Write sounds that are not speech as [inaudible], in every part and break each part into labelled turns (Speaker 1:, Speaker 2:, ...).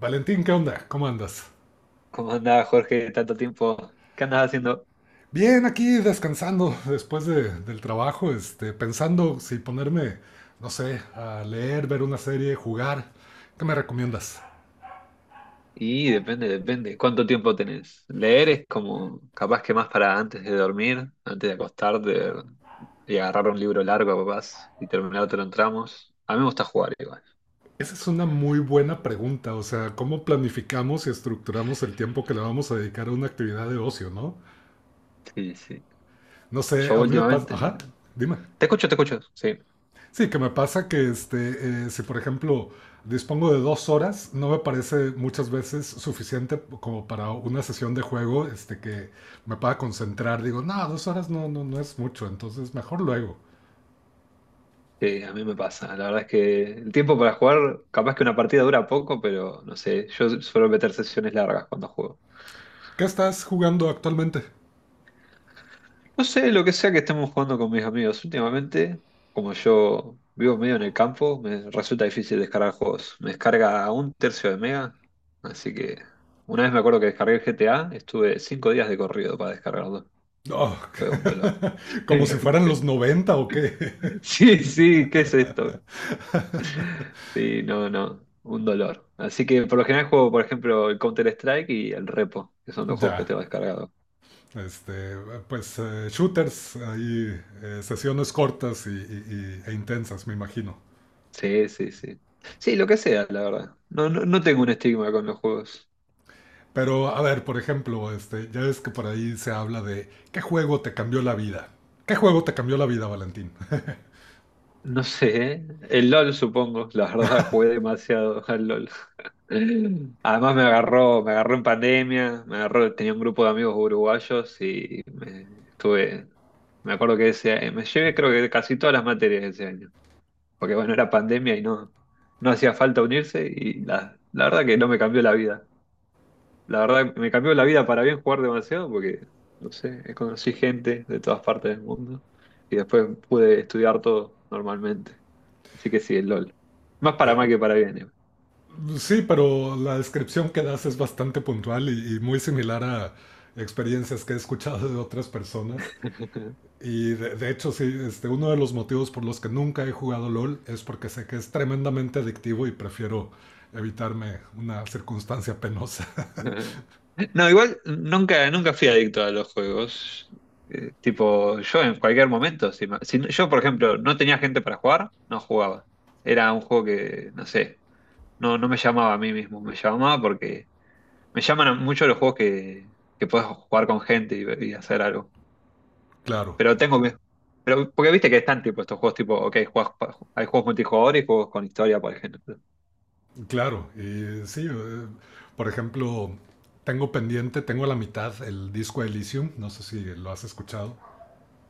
Speaker 1: Valentín, ¿qué onda? ¿Cómo andas?
Speaker 2: ¿Cómo andaba Jorge? Tanto tiempo. ¿Qué andabas haciendo?
Speaker 1: Bien, aquí descansando del trabajo, pensando si ponerme, no sé, a leer, ver una serie, jugar. ¿Qué me recomiendas?
Speaker 2: Y depende, depende. ¿Cuánto tiempo tenés? Leer es como capaz que más para antes de dormir, antes de acostarte y agarrar un libro largo capaz y terminártelo en tramos. A mí me gusta jugar igual.
Speaker 1: Esa es una muy buena pregunta, o sea, ¿cómo planificamos y estructuramos el tiempo que le vamos a dedicar a una actividad de ocio, no?
Speaker 2: Sí, sí.
Speaker 1: No sé,
Speaker 2: Yo
Speaker 1: a mí me pasa...
Speaker 2: últimamente.
Speaker 1: Ajá, dime.
Speaker 2: Te escucho, te escucho. Sí,
Speaker 1: Sí, que me pasa que si por ejemplo dispongo de 2 horas, no me parece muchas veces suficiente como para una sesión de juego que me pueda concentrar. Digo, no, 2 horas no es mucho, entonces mejor luego.
Speaker 2: sí, a mí me pasa. La verdad es que el tiempo para jugar, capaz que una partida dura poco, pero no sé, yo suelo meter sesiones largas cuando juego.
Speaker 1: ¿Qué estás jugando actualmente?
Speaker 2: No sé, lo que sea que estemos jugando con mis amigos. Últimamente, como yo vivo medio en el campo, me resulta difícil descargar juegos. Me descarga un tercio de mega, así que una vez me acuerdo que descargué el GTA, estuve 5 días de corrido para descargarlo.
Speaker 1: Oh,
Speaker 2: Fue un dolor.
Speaker 1: [laughs] como si fueran los
Speaker 2: [laughs]
Speaker 1: noventa o qué.
Speaker 2: Sí, sí, ¿qué es esto? Sí, no, no, un dolor. Así que por lo general juego, por ejemplo, el Counter-Strike y el Repo, que son los
Speaker 1: [laughs]
Speaker 2: juegos que
Speaker 1: Ya,
Speaker 2: tengo descargados.
Speaker 1: este, shooters, ahí, sesiones cortas e intensas, me imagino.
Speaker 2: Sí, sí, sí. Sí, lo que sea, la verdad. No, no, no tengo un estigma con los juegos.
Speaker 1: Pero, a ver, por ejemplo, este, ya ves que por ahí se habla de qué juego te cambió la vida. ¿Qué juego te cambió la vida, Valentín? [laughs]
Speaker 2: No sé, el LOL supongo, la verdad jugué demasiado al LOL. [laughs] Además me agarró en pandemia, me agarró, tenía un grupo de amigos uruguayos y me acuerdo que ese, me llevé creo que casi todas las materias ese año, porque bueno, era pandemia y no hacía falta unirse y la verdad que no me cambió la vida. La verdad, me cambió la vida para bien jugar demasiado porque, no sé, conocí gente de todas partes del mundo y después pude estudiar todo normalmente. Así que sí, el LOL. Más para
Speaker 1: Eh,
Speaker 2: mal que para bien.
Speaker 1: sí, pero la descripción que das es bastante puntual y muy similar a experiencias que he escuchado de otras personas. Y de hecho, sí, este, uno de los motivos por los que nunca he jugado LOL es porque sé que es tremendamente adictivo y prefiero evitarme una circunstancia penosa.
Speaker 2: eh. [laughs] No, igual nunca, nunca fui adicto a los juegos. Tipo, yo en cualquier momento, si, yo, por ejemplo, no tenía gente para jugar, no jugaba. Era un juego que, no sé, no me llamaba a mí mismo, me llamaba porque me llaman mucho los juegos que puedes jugar con gente y hacer algo.
Speaker 1: [laughs] Claro.
Speaker 2: Pero tengo que. Pero, porque viste que están tipo estos juegos tipo, ok, hay juegos multijugador y juegos con historia, por ejemplo.
Speaker 1: Claro, y sí, por ejemplo, tengo a la mitad el Disco Elysium, no sé si lo has escuchado.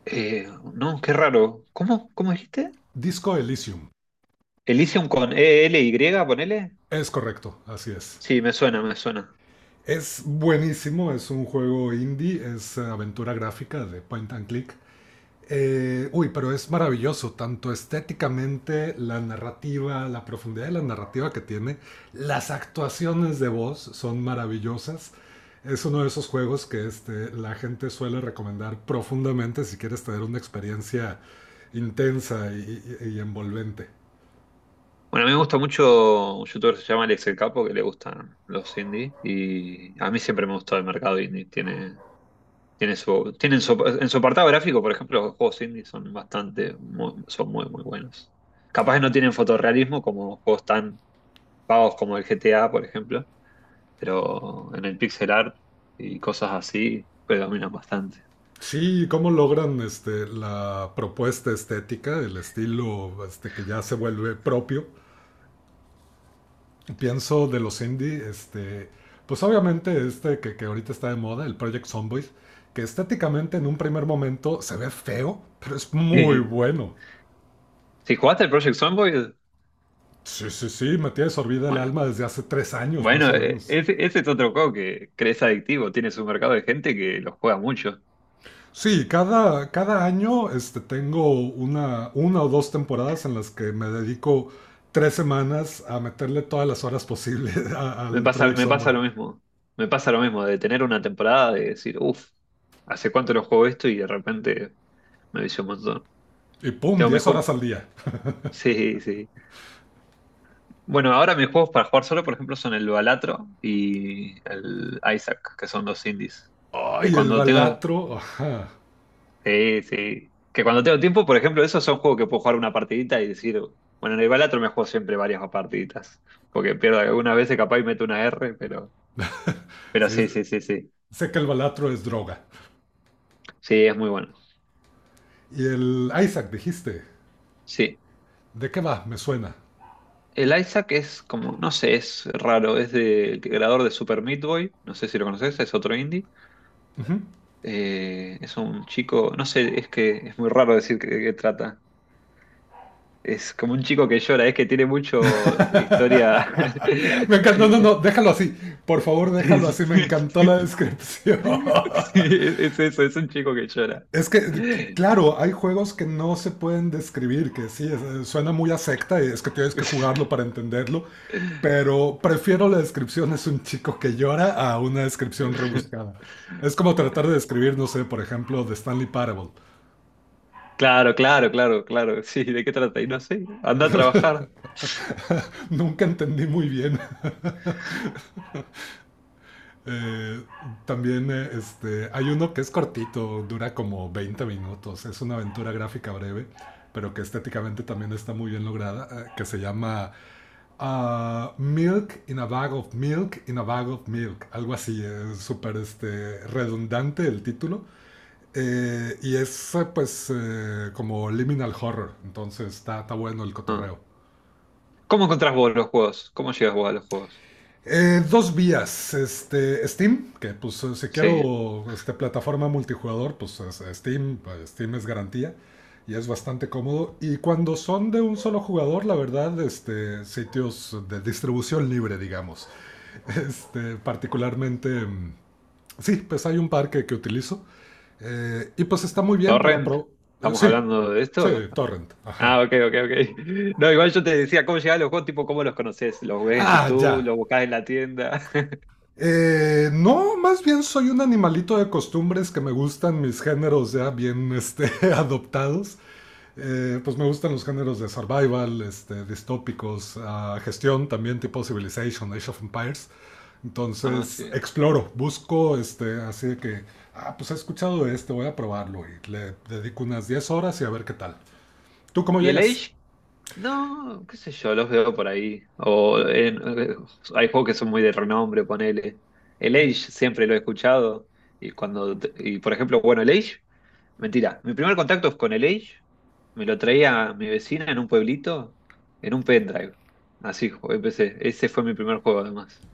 Speaker 2: Eh, no, qué raro. ¿Cómo dijiste?
Speaker 1: Disco Elysium,
Speaker 2: Elysium con e l ELY, ponele.
Speaker 1: es correcto, así es.
Speaker 2: Sí, me suena, me suena.
Speaker 1: Es buenísimo, es un juego indie, es aventura gráfica de point and click. Pero es maravilloso, tanto estéticamente, la narrativa, la profundidad de la narrativa que tiene, las actuaciones de voz son maravillosas. Es uno de esos juegos que la gente suele recomendar profundamente si quieres tener una experiencia intensa y envolvente.
Speaker 2: Bueno, a mí me gusta mucho un youtuber que se llama Alex el Capo, que le gustan los indie. Y a mí siempre me gustó el mercado indie. Tiene, Tiene su, tienen su- En su apartado gráfico, por ejemplo, los juegos indie son bastante, son muy, muy buenos. Capaz que no tienen fotorrealismo como juegos tan pagos como el GTA, por ejemplo, pero en el pixel art y cosas así predominan bastante.
Speaker 1: Sí, cómo logran la propuesta estética, el estilo que ya se vuelve propio pienso de los indie, pues obviamente que ahorita está de moda, el Project Zomboid, que estéticamente en un primer momento se ve feo, pero es muy
Speaker 2: [laughs]
Speaker 1: bueno.
Speaker 2: Sí. Si jugaste el Project Zomboid,
Speaker 1: Sí, me tiene sorbida el
Speaker 2: bueno,
Speaker 1: alma desde hace 3 años más
Speaker 2: bueno,
Speaker 1: o menos.
Speaker 2: ese, ese es otro juego que crees adictivo, tiene su mercado de gente que lo juega mucho.
Speaker 1: Sí, cada año tengo una o dos temporadas en las que me dedico 3 semanas a meterle todas las horas posibles [laughs] al Project
Speaker 2: Me
Speaker 1: Zomboid.
Speaker 2: pasa lo mismo, me pasa lo mismo de tener una temporada de decir, uff, ¿hace cuánto lo juego esto? Y de repente me vicio un montón.
Speaker 1: Y pum,
Speaker 2: Tengo mis
Speaker 1: 10 horas
Speaker 2: juegos.
Speaker 1: al día.
Speaker 2: Sí, sí. Bueno, ahora mis juegos para jugar solo, por ejemplo, son el Balatro y el Isaac, que son dos indies. Que
Speaker 1: ¡Ay, el
Speaker 2: cuando tengo.
Speaker 1: Balatro! Ajá.
Speaker 2: Sí, sí. Que cuando tengo tiempo, por ejemplo, esos son juegos que puedo jugar una partidita y decir. Bueno, en el Balatro me juego siempre varias partiditas. Porque pierdo algunas veces, capaz y meto una R, pero. Pero
Speaker 1: Sí,
Speaker 2: sí, sí, sí, sí.
Speaker 1: sé que el Balatro es droga.
Speaker 2: Sí, es muy bueno.
Speaker 1: Y el Isaac, dijiste.
Speaker 2: Sí.
Speaker 1: ¿De qué va? Me suena.
Speaker 2: El Isaac es como, no sé, es raro, es del creador de Super Meat Boy, no sé si lo conoces, es otro indie. Es un chico, no sé, es que es muy raro decir de qué trata. Es como un chico que llora, es que tiene mucho historia.
Speaker 1: Me encanta. No, no, no,
Speaker 2: [laughs]
Speaker 1: déjalo así. Por favor, déjalo así. Me encantó la descripción.
Speaker 2: Es,
Speaker 1: [laughs]
Speaker 2: es eso, es un chico que llora.
Speaker 1: Es que, claro, hay juegos que no se pueden describir, que sí, suena muy a secta y es que tienes que jugarlo para entenderlo. Pero prefiero la descripción es un chico que llora a una descripción rebuscada. Es como tratar de describir, no sé, por ejemplo, de Stanley Parable.
Speaker 2: Claro, claro, claro, claro. Sí, ¿de qué trata? Y no sé, anda a trabajar.
Speaker 1: Nunca entendí muy bien. [laughs] Eh, también hay uno que es cortito, dura como 20 minutos, es una aventura gráfica breve, pero que estéticamente también está muy bien lograda, que se llama ah, Milk in a Bag of Milk in a Bag of Milk, algo así, es súper redundante el título. Y es pues como liminal horror, entonces está bueno el
Speaker 2: Ah.
Speaker 1: cotorreo.
Speaker 2: ¿Cómo encontrás vos los juegos? ¿Cómo llegas vos a los juegos?
Speaker 1: Dos vías, Steam, que si
Speaker 2: Sí.
Speaker 1: quiero plataforma multijugador, pues Steam, Steam es garantía y es bastante cómodo. Y cuando son de un solo jugador, la verdad, sitios de distribución libre, digamos. [laughs] Particularmente, sí, pues hay un par que utilizo. Y pues está muy bien para...
Speaker 2: ¿Torrent? ¿Estamos
Speaker 1: sí,
Speaker 2: hablando de
Speaker 1: sí,
Speaker 2: esto?
Speaker 1: Torrent,
Speaker 2: Ah,
Speaker 1: ajá.
Speaker 2: ok, ok, ok. [laughs] No, igual yo te decía cómo llegar a los juegos, tipo, ¿cómo los conoces? ¿Los ves en
Speaker 1: Ah,
Speaker 2: YouTube?
Speaker 1: ya.
Speaker 2: ¿Los buscás en la tienda? [laughs]
Speaker 1: No, más bien soy un animalito de costumbres que me gustan mis géneros ya bien [laughs] adoptados. Pues me gustan los géneros de survival, distópicos, ah, gestión también tipo Civilization, Age of Empires.
Speaker 2: Ah,
Speaker 1: Entonces
Speaker 2: sí.
Speaker 1: exploro, busco así de que, ah, pues he escuchado de voy a probarlo y le dedico unas 10 horas y a ver qué tal. ¿Tú cómo
Speaker 2: ¿Y el
Speaker 1: llegas?
Speaker 2: Age? No, qué sé yo, los veo por ahí. Hay juegos que son muy de renombre, ponele. El Age siempre lo he escuchado. Y cuando, y por ejemplo, bueno, el Age, mentira. Mi primer contacto con el Age me lo traía mi vecina en un pueblito, en un pendrive. Así empecé. Ese fue mi primer juego, además.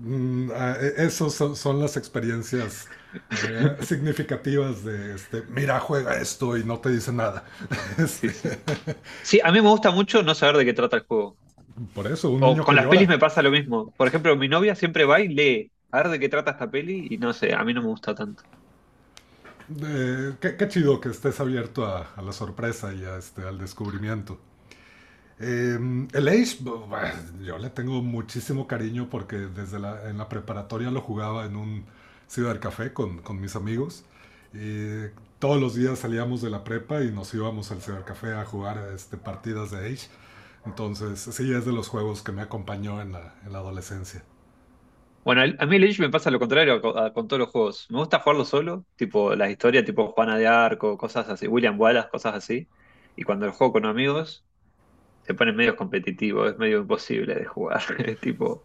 Speaker 1: Mm, esos son las experiencias
Speaker 2: [laughs]
Speaker 1: significativas de, mira, juega esto y no te dice nada. [laughs]
Speaker 2: Sí,
Speaker 1: Este,
Speaker 2: sí. Sí, a mí me gusta mucho no saber de qué trata el juego.
Speaker 1: por eso, un
Speaker 2: O
Speaker 1: niño que
Speaker 2: con las pelis
Speaker 1: llora.
Speaker 2: me pasa lo mismo. Por ejemplo, mi novia siempre va y lee a ver de qué trata esta peli y no sé, a mí no me gusta tanto.
Speaker 1: Qué chido que estés abierto a la sorpresa y a, al descubrimiento. El Age, yo le tengo muchísimo cariño porque desde en la preparatoria lo jugaba en un cibercafé con mis amigos. Y todos los días salíamos de la prepa y nos íbamos al cibercafé a jugar partidas de Age. Entonces, sí, es de los juegos que me acompañó en en la adolescencia.
Speaker 2: Bueno, a mí el Age me pasa lo contrario con todos los juegos. Me gusta jugarlo solo, tipo las historias tipo Juana de Arco, cosas así, William Wallace, cosas así. Y cuando lo juego con amigos, se pone medio competitivo, es medio imposible de jugar. [laughs] Es tipo,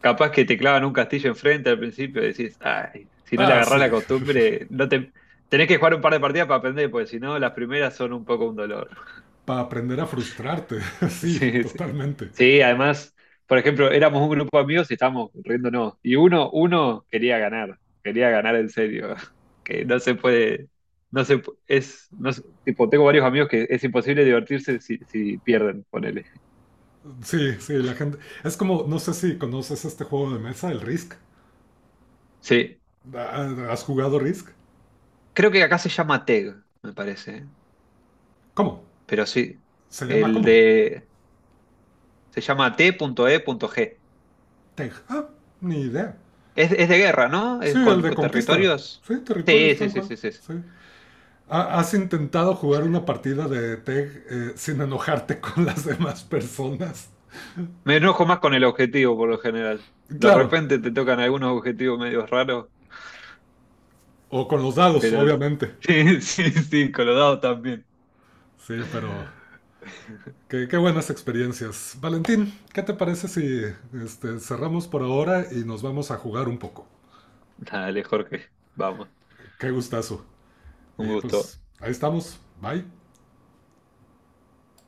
Speaker 2: capaz que te clavan un castillo enfrente al principio y decís, ay, si no le
Speaker 1: Ah,
Speaker 2: agarrás la
Speaker 1: sí,
Speaker 2: costumbre, no te... Tenés que jugar un par de partidas para aprender, porque si no, las primeras son un poco un dolor. [laughs]
Speaker 1: [laughs] para aprender a frustrarte, [laughs] sí,
Speaker 2: Sí, sí.
Speaker 1: totalmente.
Speaker 2: Sí, además, por ejemplo, éramos un grupo de amigos y estábamos riéndonos. Y uno quería ganar en serio. [laughs] Que no se puede, no se pu- es, no se- tipo, tengo varios amigos que es imposible divertirse si, pierden, ponele.
Speaker 1: Sí, sí, la gente... Es como, no sé si conoces este juego de mesa, el Risk.
Speaker 2: Sí,
Speaker 1: Ah, ¿has jugado Risk?
Speaker 2: creo que acá se llama TEG, me parece.
Speaker 1: ¿Cómo?
Speaker 2: Pero sí,
Speaker 1: ¿Se llama
Speaker 2: el
Speaker 1: cómo?
Speaker 2: de... Se llama TEG.
Speaker 1: Tej. Ah, ni idea.
Speaker 2: Es de guerra, ¿no?
Speaker 1: Sí,
Speaker 2: Es
Speaker 1: el
Speaker 2: con,
Speaker 1: de
Speaker 2: con
Speaker 1: conquista.
Speaker 2: territorios.
Speaker 1: Sí, territorios
Speaker 2: Sí, sí,
Speaker 1: tal
Speaker 2: sí,
Speaker 1: cual.
Speaker 2: sí, sí.
Speaker 1: Sí. ¿Has intentado jugar una partida de Tej sin enojarte [laughs] con las demás personas?
Speaker 2: Me enojo más con el objetivo por lo general. De
Speaker 1: Claro.
Speaker 2: repente te tocan algunos objetivos medio raros,
Speaker 1: O con los dados,
Speaker 2: pero
Speaker 1: obviamente.
Speaker 2: sí, [laughs] sí, sí, con los dados también.
Speaker 1: Sí, pero
Speaker 2: [laughs]
Speaker 1: qué buenas experiencias. Valentín, ¿qué te parece si cerramos por ahora y nos vamos a jugar un poco?
Speaker 2: Dale, Jorge, vamos.
Speaker 1: Qué gustazo.
Speaker 2: Un
Speaker 1: Y
Speaker 2: gusto.
Speaker 1: pues ahí estamos. Bye.